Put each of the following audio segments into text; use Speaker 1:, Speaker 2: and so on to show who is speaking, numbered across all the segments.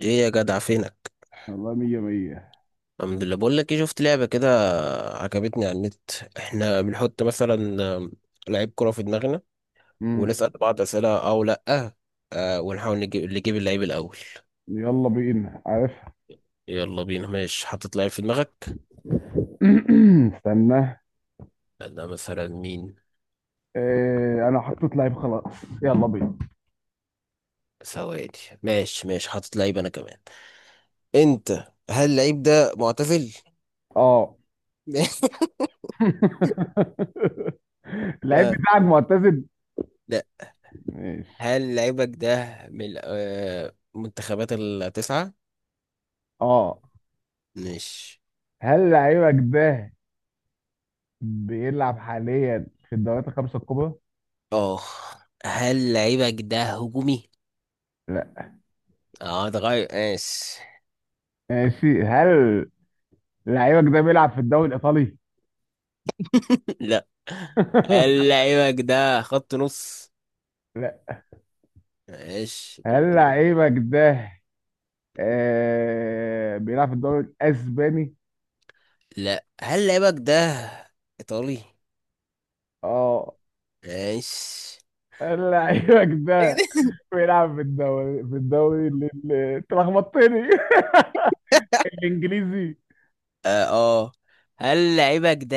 Speaker 1: ايه يا جدع، فينك؟
Speaker 2: والله مية مية.
Speaker 1: الحمد لله. بقول لك ايه، شفت لعبه كده عجبتني على النت. احنا بنحط مثلا آم، لعيب كره في دماغنا
Speaker 2: مم.
Speaker 1: ونسال بعض اسئله او لا. آه، ونحاول نجيب اللي يجيب اللعيب الاول.
Speaker 2: يلا بينا عارف.
Speaker 1: يلا بينا، ماشي حاطط لعيب في دماغك.
Speaker 2: استنى.
Speaker 1: انا مثلا مين؟
Speaker 2: إيه، انا حطيت لعيب خلاص، يلا بينا.
Speaker 1: ثواني. ماشي ماشي، حاطط لعيب انا كمان. انت، هل اللعيب ده معتزل؟
Speaker 2: اه. اللعيب
Speaker 1: اه.
Speaker 2: بتاعك معتزل؟
Speaker 1: لا.
Speaker 2: ماشي.
Speaker 1: هل لعيبك ده من منتخبات التسعه؟
Speaker 2: اه.
Speaker 1: ماشي.
Speaker 2: هل لعيبك ده بيلعب حاليا في الدوريات الخمسة الكبرى؟
Speaker 1: اه. هل لعيبك ده هجومي؟
Speaker 2: لا.
Speaker 1: اه ده غير، ماشي.
Speaker 2: ماشي. هل لعيبك ده بيلعب في الدوري الإيطالي؟
Speaker 1: لا. هل لعيبك ده خط نص؟
Speaker 2: لا.
Speaker 1: ماشي يبقى
Speaker 2: هل
Speaker 1: مد-.
Speaker 2: لعيبك ده بيلعب في الدوري الإسباني؟
Speaker 1: لا، هل لعيبك ده ايطالي؟
Speaker 2: اه.
Speaker 1: ماشي.
Speaker 2: لعيبك ده بيلعب في الدوري انت لخبطتني. الانجليزي.
Speaker 1: اه، آه. هل لعيبك ده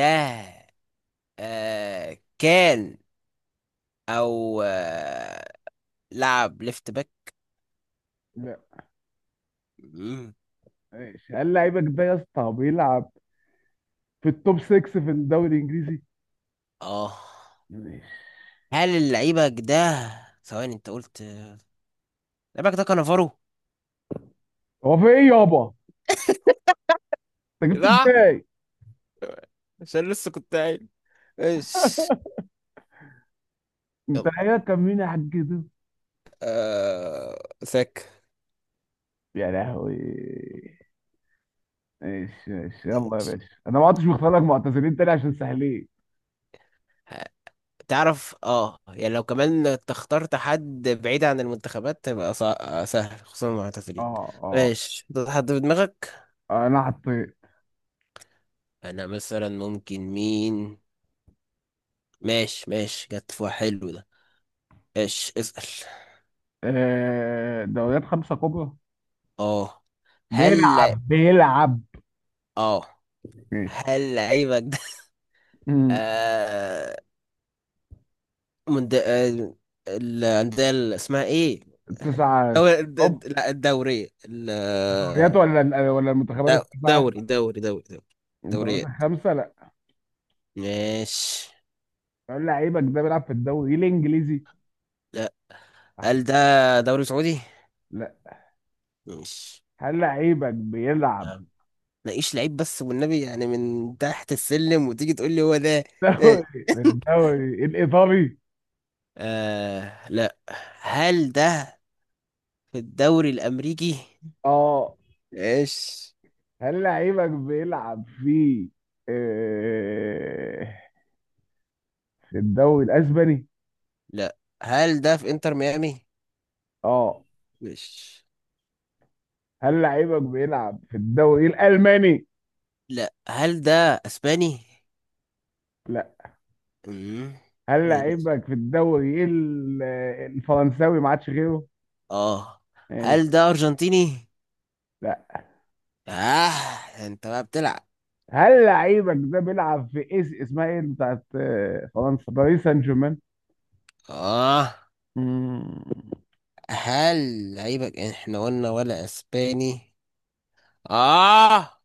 Speaker 1: كان او آه لعب ليفت باك؟
Speaker 2: لا.
Speaker 1: مم.
Speaker 2: ماشي. هل لعيبك ده يا اسطى بيلعب في التوب 6 في الدوري الانجليزي؟
Speaker 1: اه.
Speaker 2: ماشي.
Speaker 1: هل لعيبك ده، ثواني انت قلت، لعيبك ده كانافارو؟
Speaker 2: هو في ايه يابا؟ انت جبته
Speaker 1: صح،
Speaker 2: ازاي؟
Speaker 1: عشان لسه كنت قايل ايش.
Speaker 2: انت
Speaker 1: يلا،
Speaker 2: لعيبك كان مين يا حاج كده؟
Speaker 1: ذاك.
Speaker 2: يا لهوي. ماشي ماشي. يلا يا باشا، انا ما عدتش مختار لك معتزلين تاني عشان سهلين.
Speaker 1: تعرف اه يعني، لو كمان انت اخترت حد بعيد عن المنتخبات تبقى صع... آه، سهل، خصوصا المعتزلين.
Speaker 2: اه
Speaker 1: ماشي، ده حد في دماغك؟
Speaker 2: اه، انا حطيت.
Speaker 1: انا مثلا ممكن مين؟ ماشي ماشي، جت في واحد حلو ده. ايش اسأل؟
Speaker 2: دوريات خمسة كبرى.
Speaker 1: اه، هل،
Speaker 2: بيلعب.
Speaker 1: اه
Speaker 2: ماشي.
Speaker 1: هل لعيبك ده
Speaker 2: امم
Speaker 1: آه... من د... آه... الأندية اللي اسمها ايه؟
Speaker 2: التسعة.
Speaker 1: دوري... الد-
Speaker 2: اوب.
Speaker 1: الد- لا الدورية ال-
Speaker 2: دوريات، ولا المنتخبات
Speaker 1: دا-
Speaker 2: التسعة؟
Speaker 1: دوري دوري دوري دوري
Speaker 2: الدوريات
Speaker 1: دوريات.
Speaker 2: الخمسة، لا.
Speaker 1: ماشي.
Speaker 2: هل لعيبك ده بيلعب في الدوري الانجليزي؟
Speaker 1: لا،
Speaker 2: أحد.
Speaker 1: هل ده دوري سعودي؟
Speaker 2: لا.
Speaker 1: ماشي،
Speaker 2: هل لعيبك
Speaker 1: يا
Speaker 2: بيلعب
Speaker 1: عم ناقيش لعيب بس والنبي يعني، من تحت السلم وتيجي تقول لي هو ده. إيه؟
Speaker 2: دوري الدوري الايطالي؟
Speaker 1: آه لا. هل ده في الدوري الأمريكي؟
Speaker 2: اه.
Speaker 1: ماشي.
Speaker 2: هل لعيبك بيلعب في آه، في الدوري الاسباني؟
Speaker 1: لا. هل ده في انتر ميامي؟
Speaker 2: اه.
Speaker 1: ماشي.
Speaker 2: هل لعيبك بيلعب في الدوري الالماني؟
Speaker 1: لا. هل ده اسباني؟
Speaker 2: لا.
Speaker 1: امم
Speaker 2: هل
Speaker 1: ماشي.
Speaker 2: لعيبك في الدوري الفرنساوي؟ ما عادش غيره.
Speaker 1: اه.
Speaker 2: ماشي.
Speaker 1: هل ده ارجنتيني؟
Speaker 2: لا.
Speaker 1: اه، انت بقى بتلعب.
Speaker 2: هل لعيبك ده بيلعب في ايس اسمها ايه، اللي بتاعت فرنسا، باريس سان جيرمان؟
Speaker 1: اه.
Speaker 2: مم.
Speaker 1: هل لعيبك، يعني احنا قلنا ولا اسباني. اه.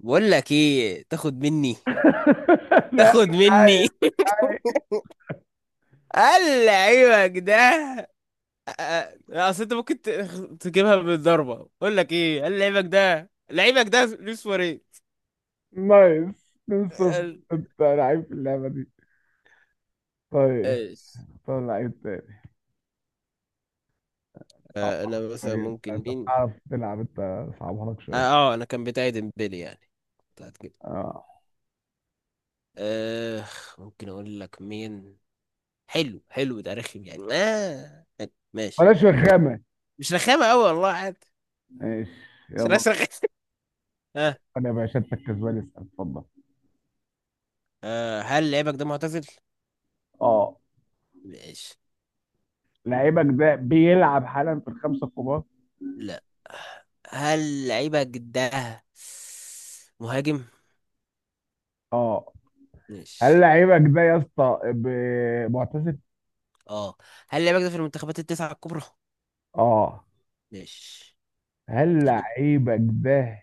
Speaker 1: بقول لك ايه، تاخد مني،
Speaker 2: لا
Speaker 1: تاخد
Speaker 2: مش عايز.
Speaker 1: مني.
Speaker 2: عايز.
Speaker 1: قال لعيبك ده، آه، اصل انت ممكن تجيبها بالضربه. بقول لك ايه، قال لعيبك ده، لعيبك ده لويس سواريز.
Speaker 2: نايس من صفر.
Speaker 1: قال-.
Speaker 2: انت لعيب في اللعبه دي. طيب.
Speaker 1: ايش؟
Speaker 2: طب لعيب تاني،
Speaker 1: آه،
Speaker 2: صعبها
Speaker 1: انا
Speaker 2: لك
Speaker 1: مثلا
Speaker 2: شويه. انت
Speaker 1: ممكن
Speaker 2: أنت
Speaker 1: مين؟
Speaker 2: بتعرف تلعب انت، صعبها لك
Speaker 1: اه،
Speaker 2: شويه.
Speaker 1: انا كان بتاعي ديمبلي يعني، بتاعت كده.
Speaker 2: اه.
Speaker 1: آه. ممكن اقول لك مين؟ حلو حلو، ده رخم يعني، آه حلو. ماشي.
Speaker 2: بلاش رخامه.
Speaker 1: مش رخامة أوي والله، عادي.
Speaker 2: ماشي.
Speaker 1: بس أنا
Speaker 2: يلا.
Speaker 1: رخامة. ها.
Speaker 2: انا يا باشا انت الكسبان، اسال اتفضل.
Speaker 1: هل لعيبك ده معتزل؟
Speaker 2: اه.
Speaker 1: ماشي.
Speaker 2: لعيبك ده بيلعب حالا في الخمسه الكبار؟
Speaker 1: لا. هل لعيبك ده مهاجم؟
Speaker 2: اه.
Speaker 1: ماشي.
Speaker 2: هل لعيبك ده يا اسطى ب- معتزل؟
Speaker 1: اه. هل لعيبك ده في المنتخبات التسعة الكبرى؟
Speaker 2: اه.
Speaker 1: ماشي،
Speaker 2: هل
Speaker 1: يعني.
Speaker 2: لعيبك ده؟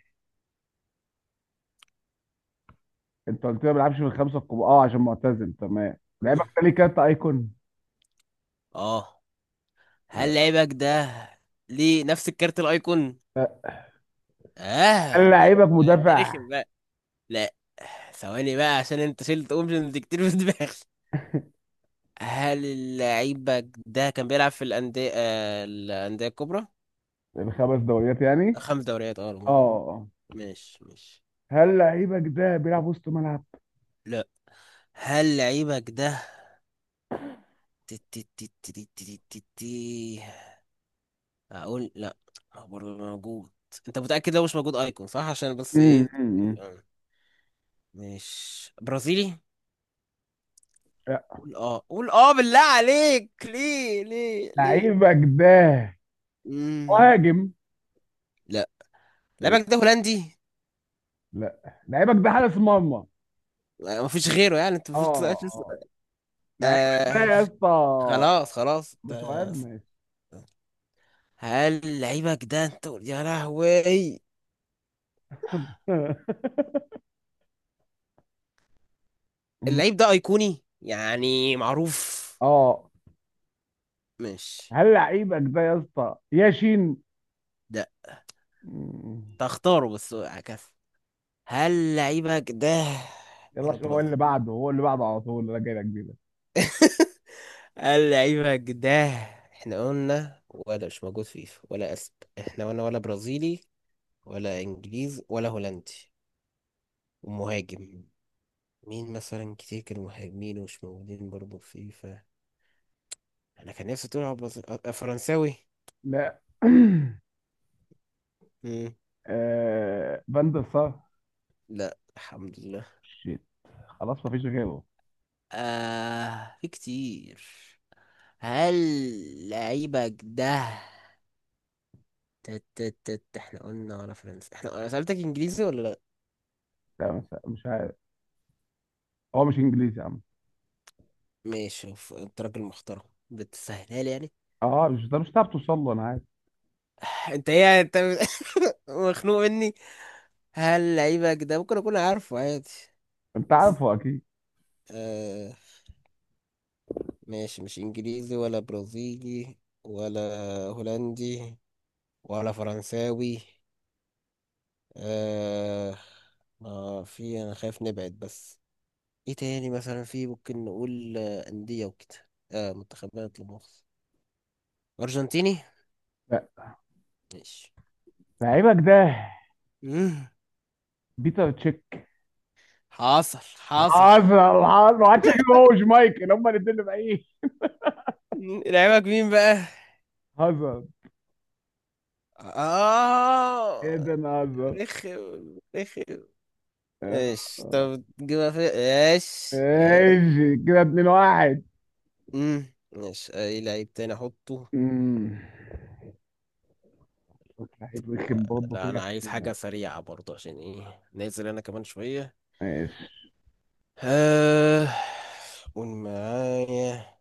Speaker 2: انت قلت لي ما بيلعبش من الخمسه الكبار، اه عشان معتزل، تمام. لعيبك
Speaker 1: مم.
Speaker 2: ده ليه كارت ايكون؟
Speaker 1: اه. هل
Speaker 2: آه.
Speaker 1: لعيبك ده ليه نفس الكارت الأيقون؟
Speaker 2: هل
Speaker 1: اه ده،
Speaker 2: لعيبك
Speaker 1: ده انت
Speaker 2: مدافع؟
Speaker 1: رخم بقى. لا، ثواني بقى، عشان انت شلت اوبشنز كتير في دماغي. هل اللعيبة ده كان بيلعب في الأندية الكبرى؟
Speaker 2: الخمس دوريات يعني؟
Speaker 1: خمس دوريات اه، المهم.
Speaker 2: اه.
Speaker 1: ماشي ماشي.
Speaker 2: هل لعيبك ده بيلعب وسط ملعب؟
Speaker 1: لا. هل لعيبك ده تي- تي- تي- تي- تي- تي- تي- تي- أقول لا، هو برضه موجود. أنت متأكد؟ لو مش موجود أيكون، صح، عشان بس
Speaker 2: مم،
Speaker 1: إيه.
Speaker 2: مم، مم.
Speaker 1: آه، مش برازيلي؟
Speaker 2: لا.
Speaker 1: قول اه، قول اه، بالله عليك، ليه ليه ليه؟
Speaker 2: لعيبك ده
Speaker 1: مم.
Speaker 2: مهاجم؟
Speaker 1: لا.
Speaker 2: إيه؟
Speaker 1: لعيبك ده هولندي؟
Speaker 2: لا، لعيبك ده حارس مرمى.
Speaker 1: آه، مفيش غيره يعني؟ أنت مفيش
Speaker 2: اه اه.
Speaker 1: سؤال-.
Speaker 2: لعيبك ده
Speaker 1: آه
Speaker 2: يا اسطى،
Speaker 1: خلاص خلاص
Speaker 2: ده
Speaker 1: انت-.
Speaker 2: سؤال ماشي.
Speaker 1: هل لعيبك ده، انت يا لهوي، اللعيب ده ايقوني يعني معروف،
Speaker 2: اه.
Speaker 1: مش
Speaker 2: هل لعيبك ده يا اسطى ياشين؟
Speaker 1: ده.
Speaker 2: مم.
Speaker 1: تختاره بس عكس. هل لعيبك ده
Speaker 2: يلا،
Speaker 1: ولا
Speaker 2: عشان هو اللي
Speaker 1: برازيل؟
Speaker 2: بعده، هو اللي بعده، على طول انا جاي لك بيه ده.
Speaker 1: هل لعيبك ده، احنا قلنا ولا مش موجود في فيفا، ولا اسب، احنا قلنا ولا برازيلي ولا انجليزي ولا هولندي ومهاجم. مين مثلا كتير كانوا مهاجمين ومش موجودين برضه في فيفا؟ انا كان نفسي تقول على فرنساوي.
Speaker 2: لا. فان دير سار؟
Speaker 1: لا، الحمد لله.
Speaker 2: شيت. خلاص مفيش غيره.
Speaker 1: آه، في كتير. هل لعيبك ده، تت تت تت احنا قلنا ولا فرنسا؟ احنا، انا سألتك انجليزي ولا لا.
Speaker 2: لا، مش عارف. هو مش انجليزي يا عم.
Speaker 1: ماشي، ف- انت راجل محترم، بتسهلها لي يعني.
Speaker 2: اه، مش ده، مش هتعرف توصل له، انا عارف.
Speaker 1: انت ايه يعني؟ انت مخنوق مني. هل لعيبك ده ممكن اكون عارفه عادي؟
Speaker 2: انت
Speaker 1: بس
Speaker 2: عارفه اكيد.
Speaker 1: آه. ماشي، مش انجليزي ولا برازيلي ولا هولندي ولا فرنساوي. آه، آه، في، أنا خايف نبعد بس. إيه تاني مثلا في ممكن نقول، آه، أندية وكده، آه منتخبات، لمؤاخذة، أرجنتيني؟
Speaker 2: لا.
Speaker 1: ماشي.
Speaker 2: لعيبك ده
Speaker 1: مم.
Speaker 2: بيتر تشيك؟
Speaker 1: حاصل حاصل.
Speaker 2: هازارد، هازارد ما عادش يجيب، هو وشمايكل هما الاثنين اللي بعيد.
Speaker 1: مم، لعيبك مين بقى؟
Speaker 2: هازارد. ايه
Speaker 1: آه،
Speaker 2: ده، انا هازارد.
Speaker 1: رخم رخم.
Speaker 2: آه.
Speaker 1: ايش؟ طب تجيبها في ايش، ايش؟
Speaker 2: ايش كده 2 1.
Speaker 1: ايش؟ اي لعيب تاني احطه؟
Speaker 2: واحد ويكن بابا
Speaker 1: لا انا
Speaker 2: كده
Speaker 1: عايز
Speaker 2: عشان-
Speaker 1: حاجة سريعة برضه، عشان ايه، نازل انا كمان شوية.
Speaker 2: ماشي.
Speaker 1: آه. قول معايا.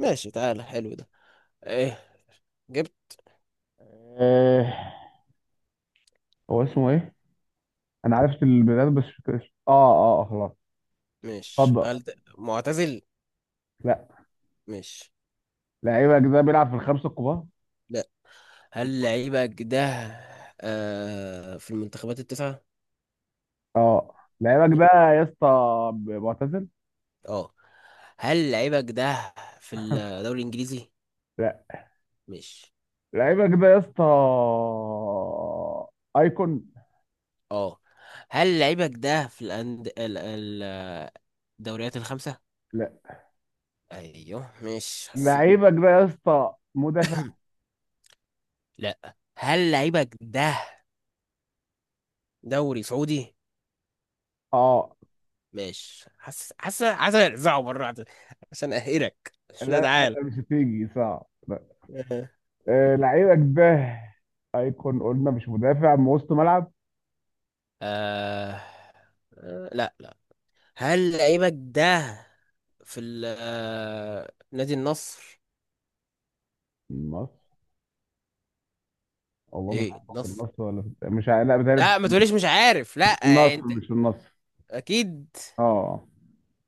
Speaker 1: ماشي، تعالى حلو ده. ايه؟ جبت؟
Speaker 2: آه، هو اسمه ايه؟ انا عرفت البلاد بس مش فاكر اسمه. اه اه خلاص.
Speaker 1: مش
Speaker 2: اتفضل.
Speaker 1: هل ده معتزل؟
Speaker 2: لا.
Speaker 1: مش.
Speaker 2: لعيبك ده بيلعب في الخمسة الكبار؟
Speaker 1: لا. هل لعيبك ده في المنتخبات التسعة؟
Speaker 2: اه. لعيبك
Speaker 1: لا.
Speaker 2: ده يا اسطى معتزل؟
Speaker 1: اه. هل لعيبك ده في الدوري الانجليزي؟
Speaker 2: لا.
Speaker 1: مش.
Speaker 2: لعيبك ده يا اسطى ايكون؟
Speaker 1: اه. هل لعيبك ده في الدوريات الخمسة؟
Speaker 2: لا.
Speaker 1: ايوه، مش حسيت.
Speaker 2: لعيبك ده يا اسطى مدافع؟
Speaker 1: لا. هل لعيبك ده دوري سعودي؟
Speaker 2: اه.
Speaker 1: ماشي، حاسس حاسس عايز ارزعه مره واحدة عشان اقهرك،
Speaker 2: لا
Speaker 1: مش، لا
Speaker 2: لا
Speaker 1: تعالى.
Speaker 2: لا، مش هتيجي صعب، لا.
Speaker 1: آه.
Speaker 2: آه، لعيبك ده ايكون، قلنا مش مدافع من وسط ملعب؟
Speaker 1: آه، لا لا. هل لعيبك ده في ال آه، نادي النصر؟
Speaker 2: مص. والله مش
Speaker 1: ايه
Speaker 2: عارف، في
Speaker 1: النصر،
Speaker 2: النصر ولا في... مش ع- لا، بتهيألي
Speaker 1: لا ما
Speaker 2: مش،
Speaker 1: تقوليش مش عارف،
Speaker 2: مش
Speaker 1: لا،
Speaker 2: في النصر،
Speaker 1: انت
Speaker 2: مش في النصر.
Speaker 1: اكيد.
Speaker 2: اه.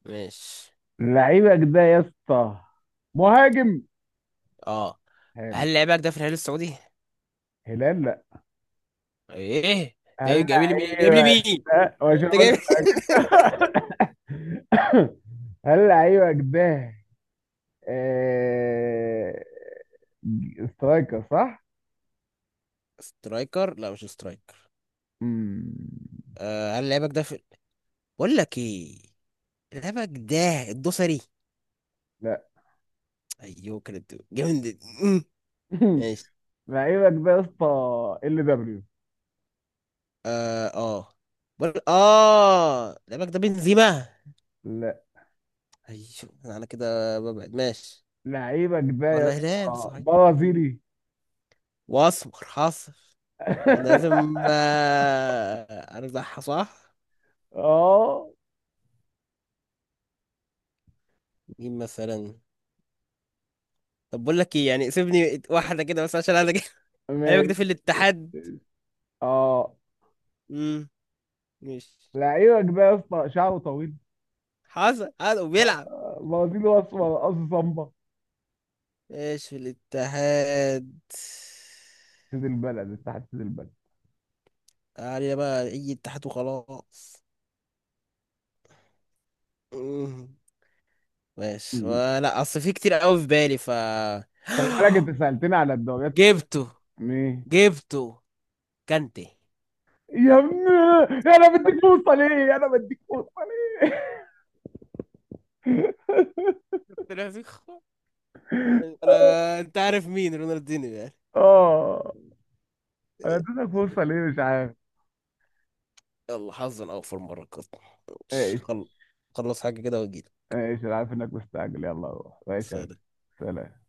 Speaker 1: ماشي.
Speaker 2: لعيبك ده يا اسطى مهاجم؟
Speaker 1: اه.
Speaker 2: حلو.
Speaker 1: هل لعيبك ده في الهلال السعودي؟
Speaker 2: هلال، لا.
Speaker 1: ايه، انت إيه،
Speaker 2: هل
Speaker 1: جايب لي مين، جايب لي
Speaker 2: لعيبك
Speaker 1: مين؟
Speaker 2: ده، مش
Speaker 1: انت
Speaker 2: هقول لك.
Speaker 1: جايب.
Speaker 2: هل لعيبك ده آه... سترايكر صح؟
Speaker 1: سترايكر؟ لا مش سترايكر.
Speaker 2: مم...
Speaker 1: آه، هل لعيبك ده في، بقول لك ايه، لعيبك ده الدوسري؟
Speaker 2: لا.
Speaker 1: ايوه كانت جامد، مم. ماشي.
Speaker 2: لعيبك ده يا اسطى ال دبليو؟
Speaker 1: اه اه، بر-، اه لعبك ده بنزيما؟
Speaker 2: لا.
Speaker 1: ايوه، انا كده ببعد، ماشي،
Speaker 2: لعيبك ده يا
Speaker 1: ولا هلال
Speaker 2: اسطى
Speaker 1: صحيح، مم.
Speaker 2: برازيلي؟
Speaker 1: واسمر حاصل، انا لازم ارزعها صح.
Speaker 2: اه.
Speaker 1: مين مثلا؟ طب بقول لك ايه، يعني سيبني واحده كده بس، عشان انا جاي. لعبك
Speaker 2: ماشي.
Speaker 1: ده في الاتحاد؟
Speaker 2: اه.
Speaker 1: امم مش.
Speaker 2: لعيبك بقى يا اسطى شعره طويل،
Speaker 1: حاصل حاصل، وبيلعب
Speaker 2: بوازينه، اسمر، رقاصه صمبا،
Speaker 1: ايش في الاتحاد؟
Speaker 2: سيد البلد، انت حاسس سيد البلد.
Speaker 1: علينا بقى اي اتحاد وخلاص، مم. ماشي،
Speaker 2: مم.
Speaker 1: ولا اصل في كتير قوي في بالي ف.
Speaker 2: خلي بالك، انت سالتني على الدوريات.
Speaker 1: جبته،
Speaker 2: ايه؟
Speaker 1: جبته، كانتي.
Speaker 2: يا ابني، انا بديك فرصه ليه، انا بديك فرصه ليه؟
Speaker 1: طلع فيك خ-. انا، انت عارف مين رونالدينيو يعني؟
Speaker 2: اه. انا اديتك فرصه ليه مش عارف.
Speaker 1: يلا، حظا اوفر مرة كده. مش
Speaker 2: ايش؟
Speaker 1: خل... خلص حاجة كده.
Speaker 2: ايش؟ انا عارف انك مستعجل، يلا روح ماشي يا غالي.
Speaker 1: واجيلك.
Speaker 2: سلام.